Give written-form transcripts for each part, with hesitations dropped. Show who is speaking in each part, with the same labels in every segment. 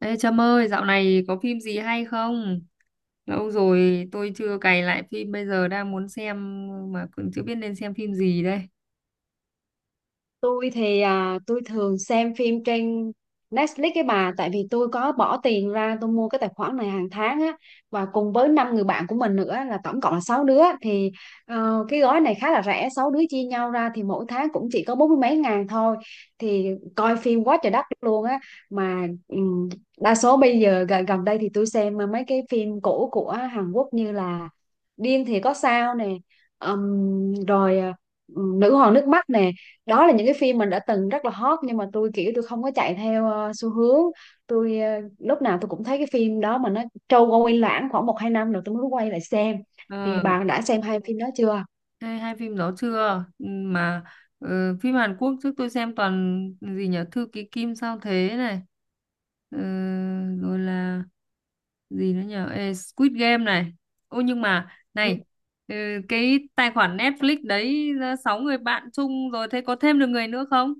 Speaker 1: Ê Trâm ơi, dạo này có phim gì hay không? Lâu rồi tôi chưa cày lại phim, bây giờ đang muốn xem mà cũng chưa biết nên xem phim gì đây.
Speaker 2: Tôi thì tôi thường xem phim trên Netflix cái bà, tại vì tôi có bỏ tiền ra tôi mua cái tài khoản này hàng tháng á, và cùng với năm người bạn của mình nữa là tổng cộng là 6 đứa thì cái gói này khá là rẻ, 6 đứa chia nhau ra thì mỗi tháng cũng chỉ có bốn mươi mấy ngàn thôi, thì coi phim quá trời đất luôn á. Mà đa số bây giờ gần đây thì tôi xem mấy cái phim cũ của Hàn Quốc như là Điên thì có sao nè, ừm, rồi ờ, Nữ hoàng nước mắt nè. Đó là những cái phim mình đã từng rất là hot, nhưng mà tôi kiểu tôi không có chạy theo xu hướng. tôi ờ, Lúc nào tôi cũng thấy cái phim đó mà nó trôi qua quay lãng khoảng một hai năm rồi tôi mới quay lại xem. Thì
Speaker 1: Ờ,
Speaker 2: bạn đã xem hai phim đó chưa?
Speaker 1: ê, hai phim đó chưa? Ừ. Phim Hàn Quốc trước tôi xem toàn gì nhỉ? Thư ký Kim sao thế này. Ờ, rồi là gì nữa nhỉ? Ê, Squid Game này. Ô nhưng mà
Speaker 2: Ừ.
Speaker 1: này ờ, cái tài khoản Netflix đấy sáu người bạn chung rồi, thế có thêm được người nữa không?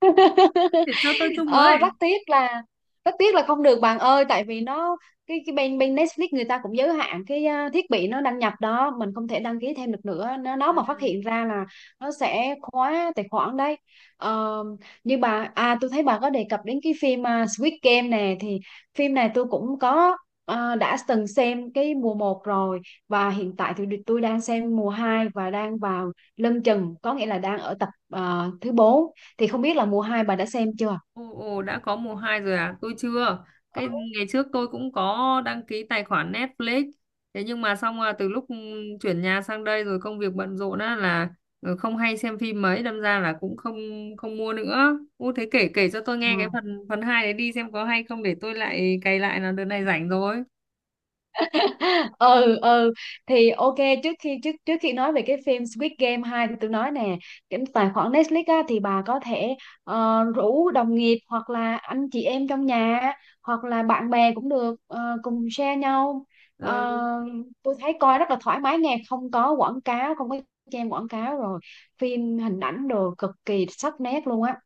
Speaker 1: Để cho tôi chung với.
Speaker 2: Ờ, rất tiếc là không được bạn ơi, tại vì nó cái bên bên Netflix người ta cũng giới hạn cái thiết bị nó đăng nhập đó, mình không thể đăng ký thêm được nữa, nó
Speaker 1: À,
Speaker 2: mà phát hiện ra là nó sẽ khóa tài khoản đấy. Ờ, như bà tôi thấy bà có đề cập đến cái phim Squid Game nè, thì phim này tôi cũng có đã từng xem cái mùa một rồi, và hiện tại thì tôi đang xem mùa 2 và đang vào lân chừng, có nghĩa là đang ở tập thứ bốn. Thì không biết là mùa 2 bà đã xem chưa?
Speaker 1: ồ, đã có mùa 2 rồi à? Tôi chưa. Cái ngày trước tôi cũng có đăng ký tài khoản Netflix. Thế nhưng mà xong là từ lúc chuyển nhà sang đây rồi công việc bận rộn á là ừ, không hay xem phim mấy, đâm ra là cũng không, không mua nữa. Ô thế kể kể cho tôi
Speaker 2: Ờ.
Speaker 1: nghe cái phần phần 2 đấy đi, xem có hay không để tôi lại cày lại, là đợt này rảnh rồi.
Speaker 2: Ừ, thì ok. Trước khi nói về cái phim Squid Game 2 thì tôi nói nè, cái tài khoản Netflix á, thì bà có thể rủ đồng nghiệp hoặc là anh chị em trong nhà, hoặc là bạn bè cũng được, cùng share nhau.
Speaker 1: Ừ.
Speaker 2: Ờ, tôi thấy coi rất là thoải mái nghe, không có quảng cáo, không có xem quảng cáo rồi, phim hình ảnh đồ cực kỳ sắc nét luôn á.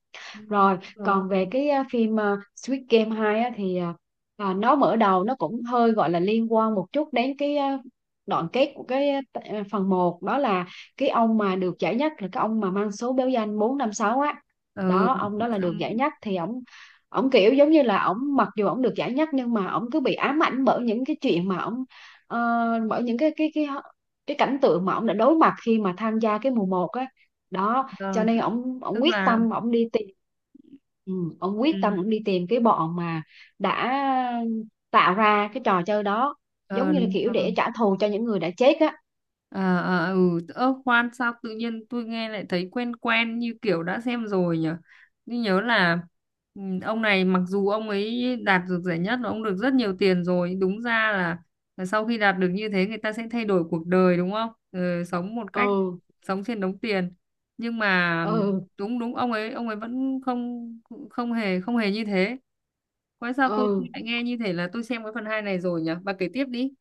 Speaker 2: Rồi,
Speaker 1: Rồi.
Speaker 2: còn về cái phim Squid Game 2 á, thì nó mở đầu nó cũng hơi gọi là liên quan một chút đến cái đoạn kết của cái phần một, đó là cái ông mà được giải nhất là cái ông mà mang số báo danh 456 á.
Speaker 1: Ừ.
Speaker 2: Đó, ông đó là
Speaker 1: Xong,
Speaker 2: được giải nhất thì ổng ổng kiểu giống như là ổng mặc dù ổng được giải nhất nhưng mà ổng cứ bị ám ảnh bởi những cái chuyện mà ờ, bởi những cái cái cảnh tượng mà ổng đã đối mặt khi mà tham gia cái mùa một á. Đó, cho
Speaker 1: ờ,
Speaker 2: nên
Speaker 1: tức
Speaker 2: ổng ổng
Speaker 1: tức
Speaker 2: quyết
Speaker 1: là
Speaker 2: tâm ổng đi tìm. Ừ, ông
Speaker 1: ừ,
Speaker 2: quyết tâm ông đi tìm cái bọn mà đã tạo ra cái trò chơi đó, giống
Speaker 1: ờ,
Speaker 2: như là
Speaker 1: đúng
Speaker 2: kiểu
Speaker 1: rồi.
Speaker 2: để trả thù cho những người đã chết á.
Speaker 1: Ờ ờ ừ, ơ khoan sao tự nhiên tôi nghe lại thấy quen quen như kiểu đã xem rồi nhỉ? Tôi nhớ là ừ, ông này mặc dù ông ấy đạt được giải nhất và ông được rất nhiều tiền rồi, đúng ra là sau khi đạt được như thế người ta sẽ thay đổi cuộc đời đúng không? Ừ, sống một cách
Speaker 2: ừ
Speaker 1: sống trên đống tiền. Nhưng mà
Speaker 2: ừ
Speaker 1: đúng, đúng ông ấy, ông ấy vẫn không, không hề như thế. Quái sao tôi
Speaker 2: ừ
Speaker 1: lại nghe như thế là tôi xem cái phần hai này rồi nhỉ? Bà kể tiếp đi.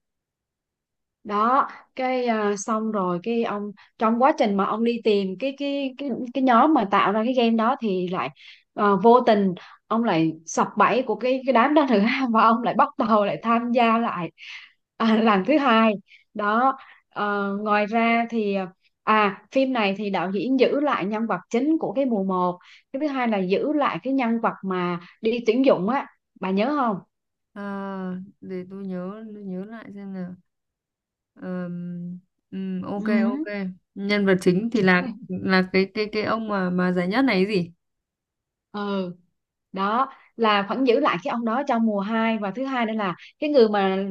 Speaker 2: Đó, cái xong rồi cái ông trong quá trình mà ông đi tìm cái cái nhóm mà tạo ra cái game đó thì lại vô tình ông lại sập bẫy của cái đám đó nữa và ông lại bắt đầu lại tham gia lại lần thứ hai. Đó. Ờ, ngoài ra thì phim này thì đạo diễn giữ lại nhân vật chính của cái mùa một, cái thứ hai là giữ lại cái nhân vật mà đi tuyển dụng á, bà nhớ không?
Speaker 1: À, để tôi nhớ, tôi nhớ lại xem nào. Ờm, ok
Speaker 2: Ừ.
Speaker 1: ok, nhân vật chính thì là cái cái ông mà giải nhất này ấy gì.
Speaker 2: ừ Đó, là vẫn giữ lại cái ông đó trong mùa hai, và thứ hai nữa là cái người mà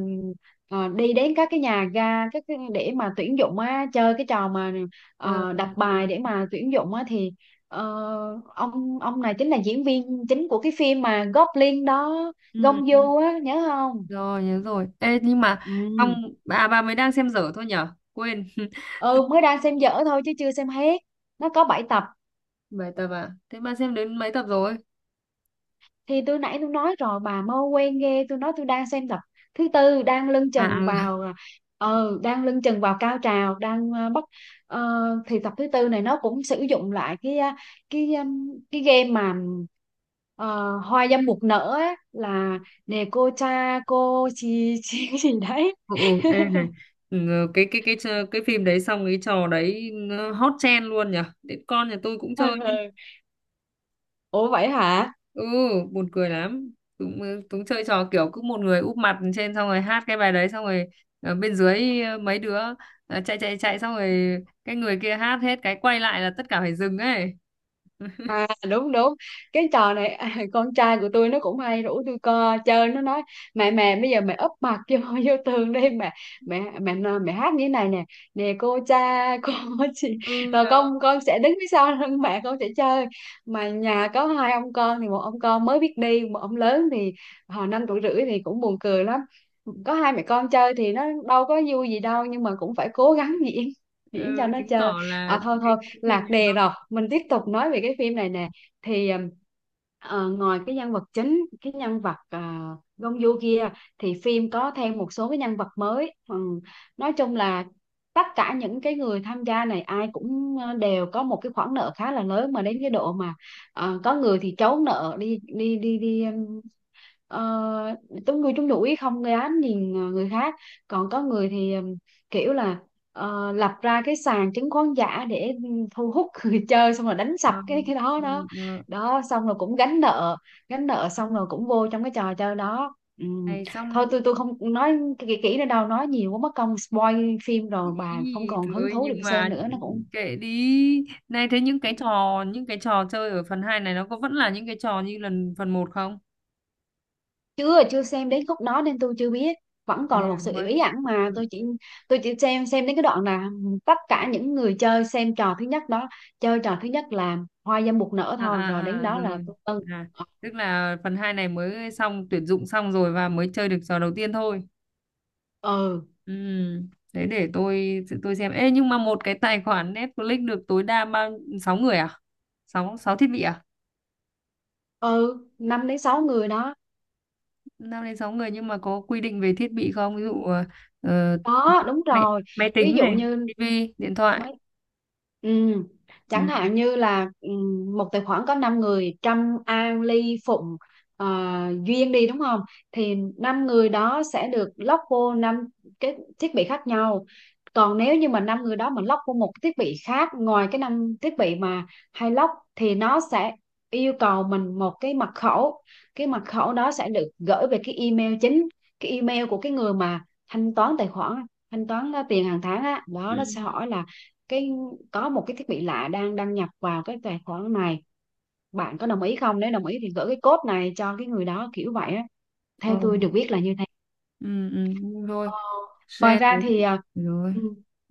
Speaker 2: đi đến các cái nhà ga, các cái, để mà tuyển dụng á, chơi cái trò mà
Speaker 1: Ờ, ừ,
Speaker 2: đặt bài để mà tuyển dụng á, thì ờ, ông này chính là diễn viên chính của cái phim mà Goblin đó,
Speaker 1: ừ,
Speaker 2: Gông
Speaker 1: ừ,
Speaker 2: Du á, nhớ không?
Speaker 1: rồi nhớ rồi. Ê nhưng mà xong
Speaker 2: Ừ.
Speaker 1: bà mới đang xem dở thôi nhở, quên
Speaker 2: Ừ, mới đang xem dở thôi chứ chưa xem hết, nó có 7 tập.
Speaker 1: bài tập à, thế bà xem đến mấy tập rồi?
Speaker 2: Thì tôi nãy tôi nói rồi, bà mau quen ghê, tôi nói tôi đang xem tập thứ tư, đang lưng
Speaker 1: À
Speaker 2: chừng
Speaker 1: à,
Speaker 2: vào. Ờ, đang lưng chừng vào cao trào, đang bắt. ờ, thì tập thứ tư này nó cũng sử dụng lại cái cái game mà ờ, hoa dâm bụt nở á, là nè cô cha cô chi chi cái gì đấy.
Speaker 1: ừ, ừ, ê này, ừ, cái trò- cái phim đấy xong cái trò đấy nó hot trend luôn nhở, đến con nhà tôi cũng
Speaker 2: Ừ.
Speaker 1: chơi.
Speaker 2: Ủa vậy hả?
Speaker 1: Ừ, buồn cười lắm, cũng cũng chơi trò kiểu cứ một người úp mặt trên xong rồi hát cái bài đấy, xong rồi ở bên dưới mấy đứa chạy chạy chạy, xong rồi cái người kia hát hết cái quay lại là tất cả phải dừng ấy.
Speaker 2: À đúng đúng. Cái trò này con trai của tôi nó cũng hay rủ tôi co chơi. Nó nói: mẹ mẹ bây giờ mẹ úp mặt vô, vô tường đi mẹ. Mẹ mẹ nói- mẹ hát như thế này nè: nè cô cha cô chị.
Speaker 1: Ừ
Speaker 2: Rồi
Speaker 1: đó.
Speaker 2: con sẽ đứng phía sau lưng mẹ con sẽ chơi. Mà nhà có hai ông con, thì một ông con mới biết đi, một ông lớn thì hồi năm tuổi rưỡi, thì cũng buồn cười lắm. Có hai mẹ con chơi thì nó đâu có vui gì đâu, nhưng mà cũng phải cố gắng diễn diễn cho
Speaker 1: Ừ,
Speaker 2: nó
Speaker 1: chứng
Speaker 2: chơi.
Speaker 1: tỏ là
Speaker 2: À thôi thôi,
Speaker 1: cái phim
Speaker 2: lạc
Speaker 1: này
Speaker 2: đề
Speaker 1: nó
Speaker 2: rồi, mình tiếp tục nói về cái phim này nè. Thì ngoài cái nhân vật chính, cái nhân vật Gongyu kia thì phim có thêm một số cái nhân vật mới. Nói chung là tất cả những cái người tham gia này ai cũng đều có một cái khoản nợ khá là lớn, mà đến cái độ mà có người thì trốn nợ đi đi đi đi. Ờ, có người chúng đuổi không gây án nhìn người khác. Còn có người thì kiểu là lập ra cái sàn chứng khoán giả để thu hút người chơi xong rồi đánh sập
Speaker 1: ờ,
Speaker 2: cái đó
Speaker 1: ừ,
Speaker 2: đó.
Speaker 1: ừ.
Speaker 2: Đó xong rồi cũng gánh nợ, gánh nợ xong rồi cũng vô trong cái trò chơi đó. Ừm,
Speaker 1: Này
Speaker 2: thôi
Speaker 1: xong,
Speaker 2: tôi không nói kỹ kỹ nữa đâu, nói nhiều quá mất công spoil phim rồi bà không
Speaker 1: ý
Speaker 2: còn hứng
Speaker 1: rồi
Speaker 2: thú để
Speaker 1: nhưng
Speaker 2: mà xem
Speaker 1: mà
Speaker 2: nữa nó cũng.
Speaker 1: kệ đi. Này, thế những cái trò, những cái trò chơi ở phần 2 này nó có vẫn là những cái trò như lần phần một không?
Speaker 2: Chưa chưa xem đến khúc đó nên tôi chưa biết,
Speaker 1: À,
Speaker 2: vẫn còn là
Speaker 1: thế là
Speaker 2: một sự bí
Speaker 1: mới
Speaker 2: ẩn, mà tôi chỉ xem đến cái đoạn là tất cả những người chơi xem trò thứ nhất đó, chơi trò thứ nhất là hoa dâm bụt nở
Speaker 1: à,
Speaker 2: thôi,
Speaker 1: à,
Speaker 2: rồi đến
Speaker 1: à
Speaker 2: đó là
Speaker 1: rồi,
Speaker 2: tôi ừ.
Speaker 1: à tức là phần 2 này mới xong tuyển dụng xong rồi và mới chơi được trò đầu tiên thôi.
Speaker 2: ừ
Speaker 1: Ừ, thế để tôi xem. Ê nhưng mà một cái tài khoản Netflix được tối đa bao sáu người à? Sáu sáu thiết bị à?
Speaker 2: ừ, năm đến sáu người đó.
Speaker 1: Năm đến sáu người nhưng mà có quy định về thiết bị không, ví dụ ờ,
Speaker 2: Có, đúng
Speaker 1: máy,
Speaker 2: rồi.
Speaker 1: máy
Speaker 2: Ví
Speaker 1: tính
Speaker 2: dụ
Speaker 1: này,
Speaker 2: như
Speaker 1: tivi, điện thoại.
Speaker 2: mấy ừ,
Speaker 1: Ừ.
Speaker 2: chẳng hạn như là một tài khoản có 5 người: Trâm, An, Ly, Phụng, ờ, Duyên đi, đúng không? Thì 5 người đó sẽ được lock vô 5 cái thiết bị khác nhau. Còn nếu như mà năm người đó mà lock vô một cái thiết bị khác ngoài cái 5 thiết bị mà hay lock thì nó sẽ yêu cầu mình một cái mật khẩu. Cái mật khẩu đó sẽ được gửi về cái email chính, cái email của cái người mà thanh toán tài khoản, thanh toán tiền hàng tháng á đó, nó sẽ
Speaker 1: Ừ.
Speaker 2: hỏi là cái có một cái thiết bị lạ đang đăng nhập vào cái tài khoản này, bạn có đồng ý không, nếu đồng ý thì gửi cái code này cho cái người đó, kiểu vậy á, theo
Speaker 1: Ừ.
Speaker 2: tôi được biết là như.
Speaker 1: Ừ, ừ, rồi,
Speaker 2: Ờ, ngoài
Speaker 1: xe thế,
Speaker 2: ra thì
Speaker 1: rồi.
Speaker 2: ừ,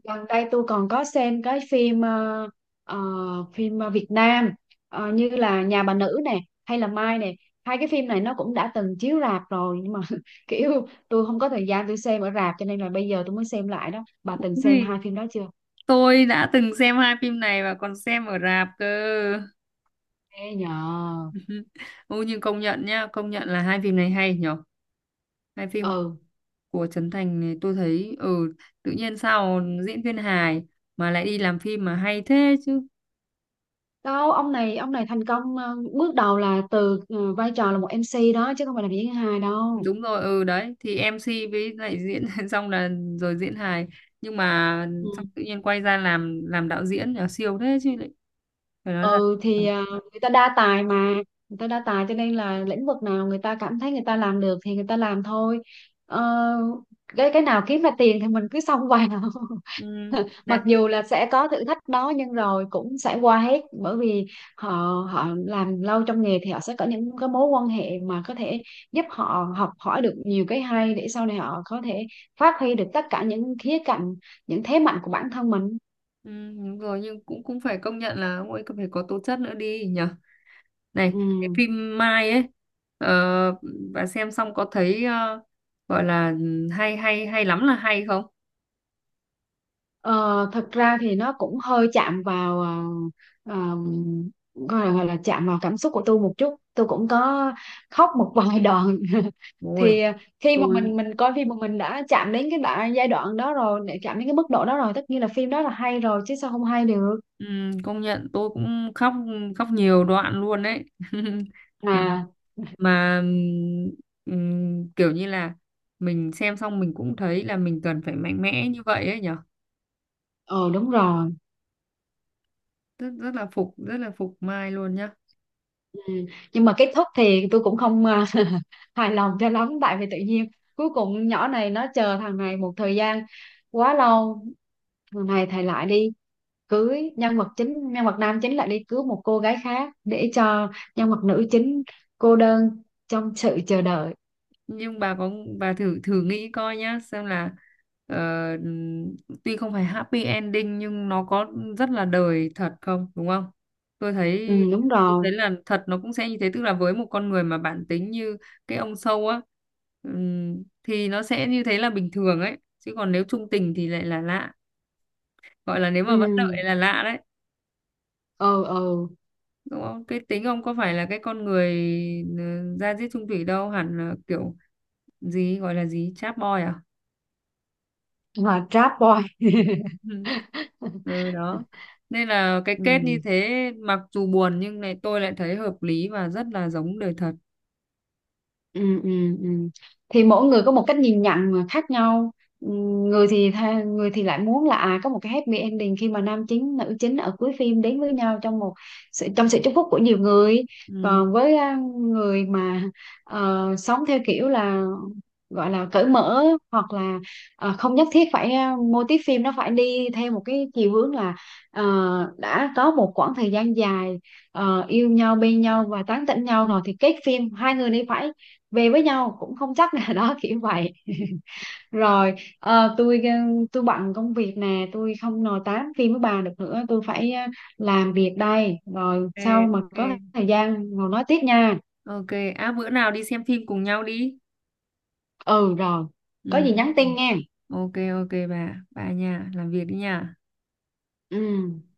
Speaker 2: gần đây tôi còn có xem cái ờ, phim Việt Nam, như là Nhà bà nữ nè, hay là Mai nè. Hai cái phim này nó cũng đã từng chiếu rạp rồi, nhưng mà kiểu tôi không có thời gian tôi xem ở rạp, cho nên là bây giờ tôi mới xem lại đó. Bà từng xem
Speaker 1: Ui,
Speaker 2: hai phim đó chưa?
Speaker 1: tôi đã từng xem hai phim này và còn xem ở rạp cơ.
Speaker 2: Ê nhờ.
Speaker 1: Ô nhưng công nhận nhá, công nhận là hai phim này hay nhở. Hai phim
Speaker 2: Ừ
Speaker 1: của Trấn Thành này tôi thấy ừ, tự nhiên sao diễn viên hài mà lại đi làm phim mà hay thế chứ.
Speaker 2: đâu, ông này thành công bước đầu là từ vai trò là một MC đó, chứ không phải là diễn viên hài đâu.
Speaker 1: Đúng rồi, ừ đấy, thì MC với lại diễn xong là rồi diễn hài, nhưng mà xong tự nhiên quay ra làm đạo diễn là siêu thế chứ lại, phải nói là
Speaker 2: Ừ thì người ta đa tài mà, người ta đa tài cho nên là lĩnh vực nào người ta cảm thấy người ta làm được thì người ta làm thôi. Ờ, cái nào kiếm ra tiền thì mình cứ xông vào,
Speaker 1: ừ,
Speaker 2: mặc
Speaker 1: này
Speaker 2: dù là sẽ có thử thách đó, nhưng rồi cũng sẽ qua hết, bởi vì họ họ làm lâu trong nghề thì họ sẽ có những cái mối quan hệ mà có thể giúp họ học hỏi được nhiều cái hay, để sau này họ có thể phát huy được tất cả những khía cạnh, những thế mạnh của bản thân mình.
Speaker 1: ừ, đúng rồi, nhưng cũng cũng phải công nhận là ông ấy cần phải có tố chất nữa đi nhỉ. Này, cái
Speaker 2: Ừ.
Speaker 1: phim Mai ấy, ờ, bà xem xong có thấy gọi là ừ, hay hay hay lắm là hay không?
Speaker 2: Ờ, thật ra thì nó cũng hơi chạm vào ờm, gọi là chạm vào cảm xúc của tôi một chút, tôi cũng có khóc một vài đoạn.
Speaker 1: Ôi,
Speaker 2: Thì khi mà
Speaker 1: tôi
Speaker 2: mình coi phim mà mình đã chạm đến cái đoạn giai đoạn đó rồi, để chạm đến cái mức độ đó rồi, tất nhiên là phim đó là hay rồi chứ sao không hay được.
Speaker 1: công nhận tôi cũng khóc, khóc nhiều đoạn luôn đấy. Mà
Speaker 2: À
Speaker 1: mà, kiểu như là mình xem xong mình cũng thấy là mình cần phải mạnh mẽ như vậy ấy nhở.
Speaker 2: ờ đúng rồi.
Speaker 1: Rất rất là phục Mai luôn nhá.
Speaker 2: Ừ. Nhưng mà kết thúc thì tôi cũng không hài lòng cho lắm, tại vì tự nhiên cuối cùng nhỏ này nó chờ thằng này một thời gian quá lâu, thằng này thầy lại đi cưới, nhân vật chính nhân vật nam chính lại đi cứu một cô gái khác, để cho nhân vật nữ chính cô đơn trong sự chờ đợi.
Speaker 1: Nhưng bà có, bà thử thử nghĩ coi nhá, xem là ờ, tuy không phải happy ending nhưng nó có rất là đời thật không, đúng không? Tôi
Speaker 2: Ừ,
Speaker 1: thấy,
Speaker 2: đúng
Speaker 1: tôi
Speaker 2: rồi.
Speaker 1: thấy là thật nó cũng sẽ như thế, tức là với một con người mà bản tính như cái ông sâu á, thì nó sẽ như thế là bình thường ấy chứ, còn nếu trung tình thì lại là lạ, gọi là nếu mà
Speaker 2: ừ
Speaker 1: vẫn đợi là lạ đấy,
Speaker 2: ừ ừ
Speaker 1: đúng không? Cái tính ông có phải là cái con người ừ, ra diết chung thủy đâu, hẳn là kiểu gì gọi là gì, chap boy à?
Speaker 2: là trap boy.
Speaker 1: Ừ đó, nên là cái
Speaker 2: ừ.
Speaker 1: kết như thế mặc dù buồn nhưng này tôi lại thấy hợp lý và rất là giống đời thật.
Speaker 2: ừ, ừ, ừ. Thì mỗi người có một cách nhìn nhận mà khác nhau. Ừ, người thì tha, người thì lại muốn là à có một cái happy ending, khi mà nam chính nữ chính ở cuối phim đến với nhau trong một trong sự chúc phúc của nhiều người.
Speaker 1: Ừ.
Speaker 2: Còn với người mà sống theo kiểu là gọi là cởi mở, hoặc là không nhất thiết phải mô típ phim nó phải đi theo một cái chiều hướng là ờ, đã có một quãng thời gian dài yêu nhau bên nhau và tán tỉnh nhau rồi thì kết phim hai người này phải về với nhau, cũng không chắc là đó, kiểu vậy. Rồi, ờ, tôi ờ, tôi bận công việc nè, tôi không nói tám phim với bà được nữa, tôi phải làm việc đây, rồi sau
Speaker 1: Ok,
Speaker 2: mà
Speaker 1: ok,
Speaker 2: có thời gian ngồi nói tiếp nha.
Speaker 1: ok, à bữa nào đi xem phim cùng nhau đi.
Speaker 2: Ừ rồi, có
Speaker 1: Ừ.
Speaker 2: gì nhắn tin nghe.
Speaker 1: Ok, ok bà nha, làm việc đi nha.
Speaker 2: Ừ.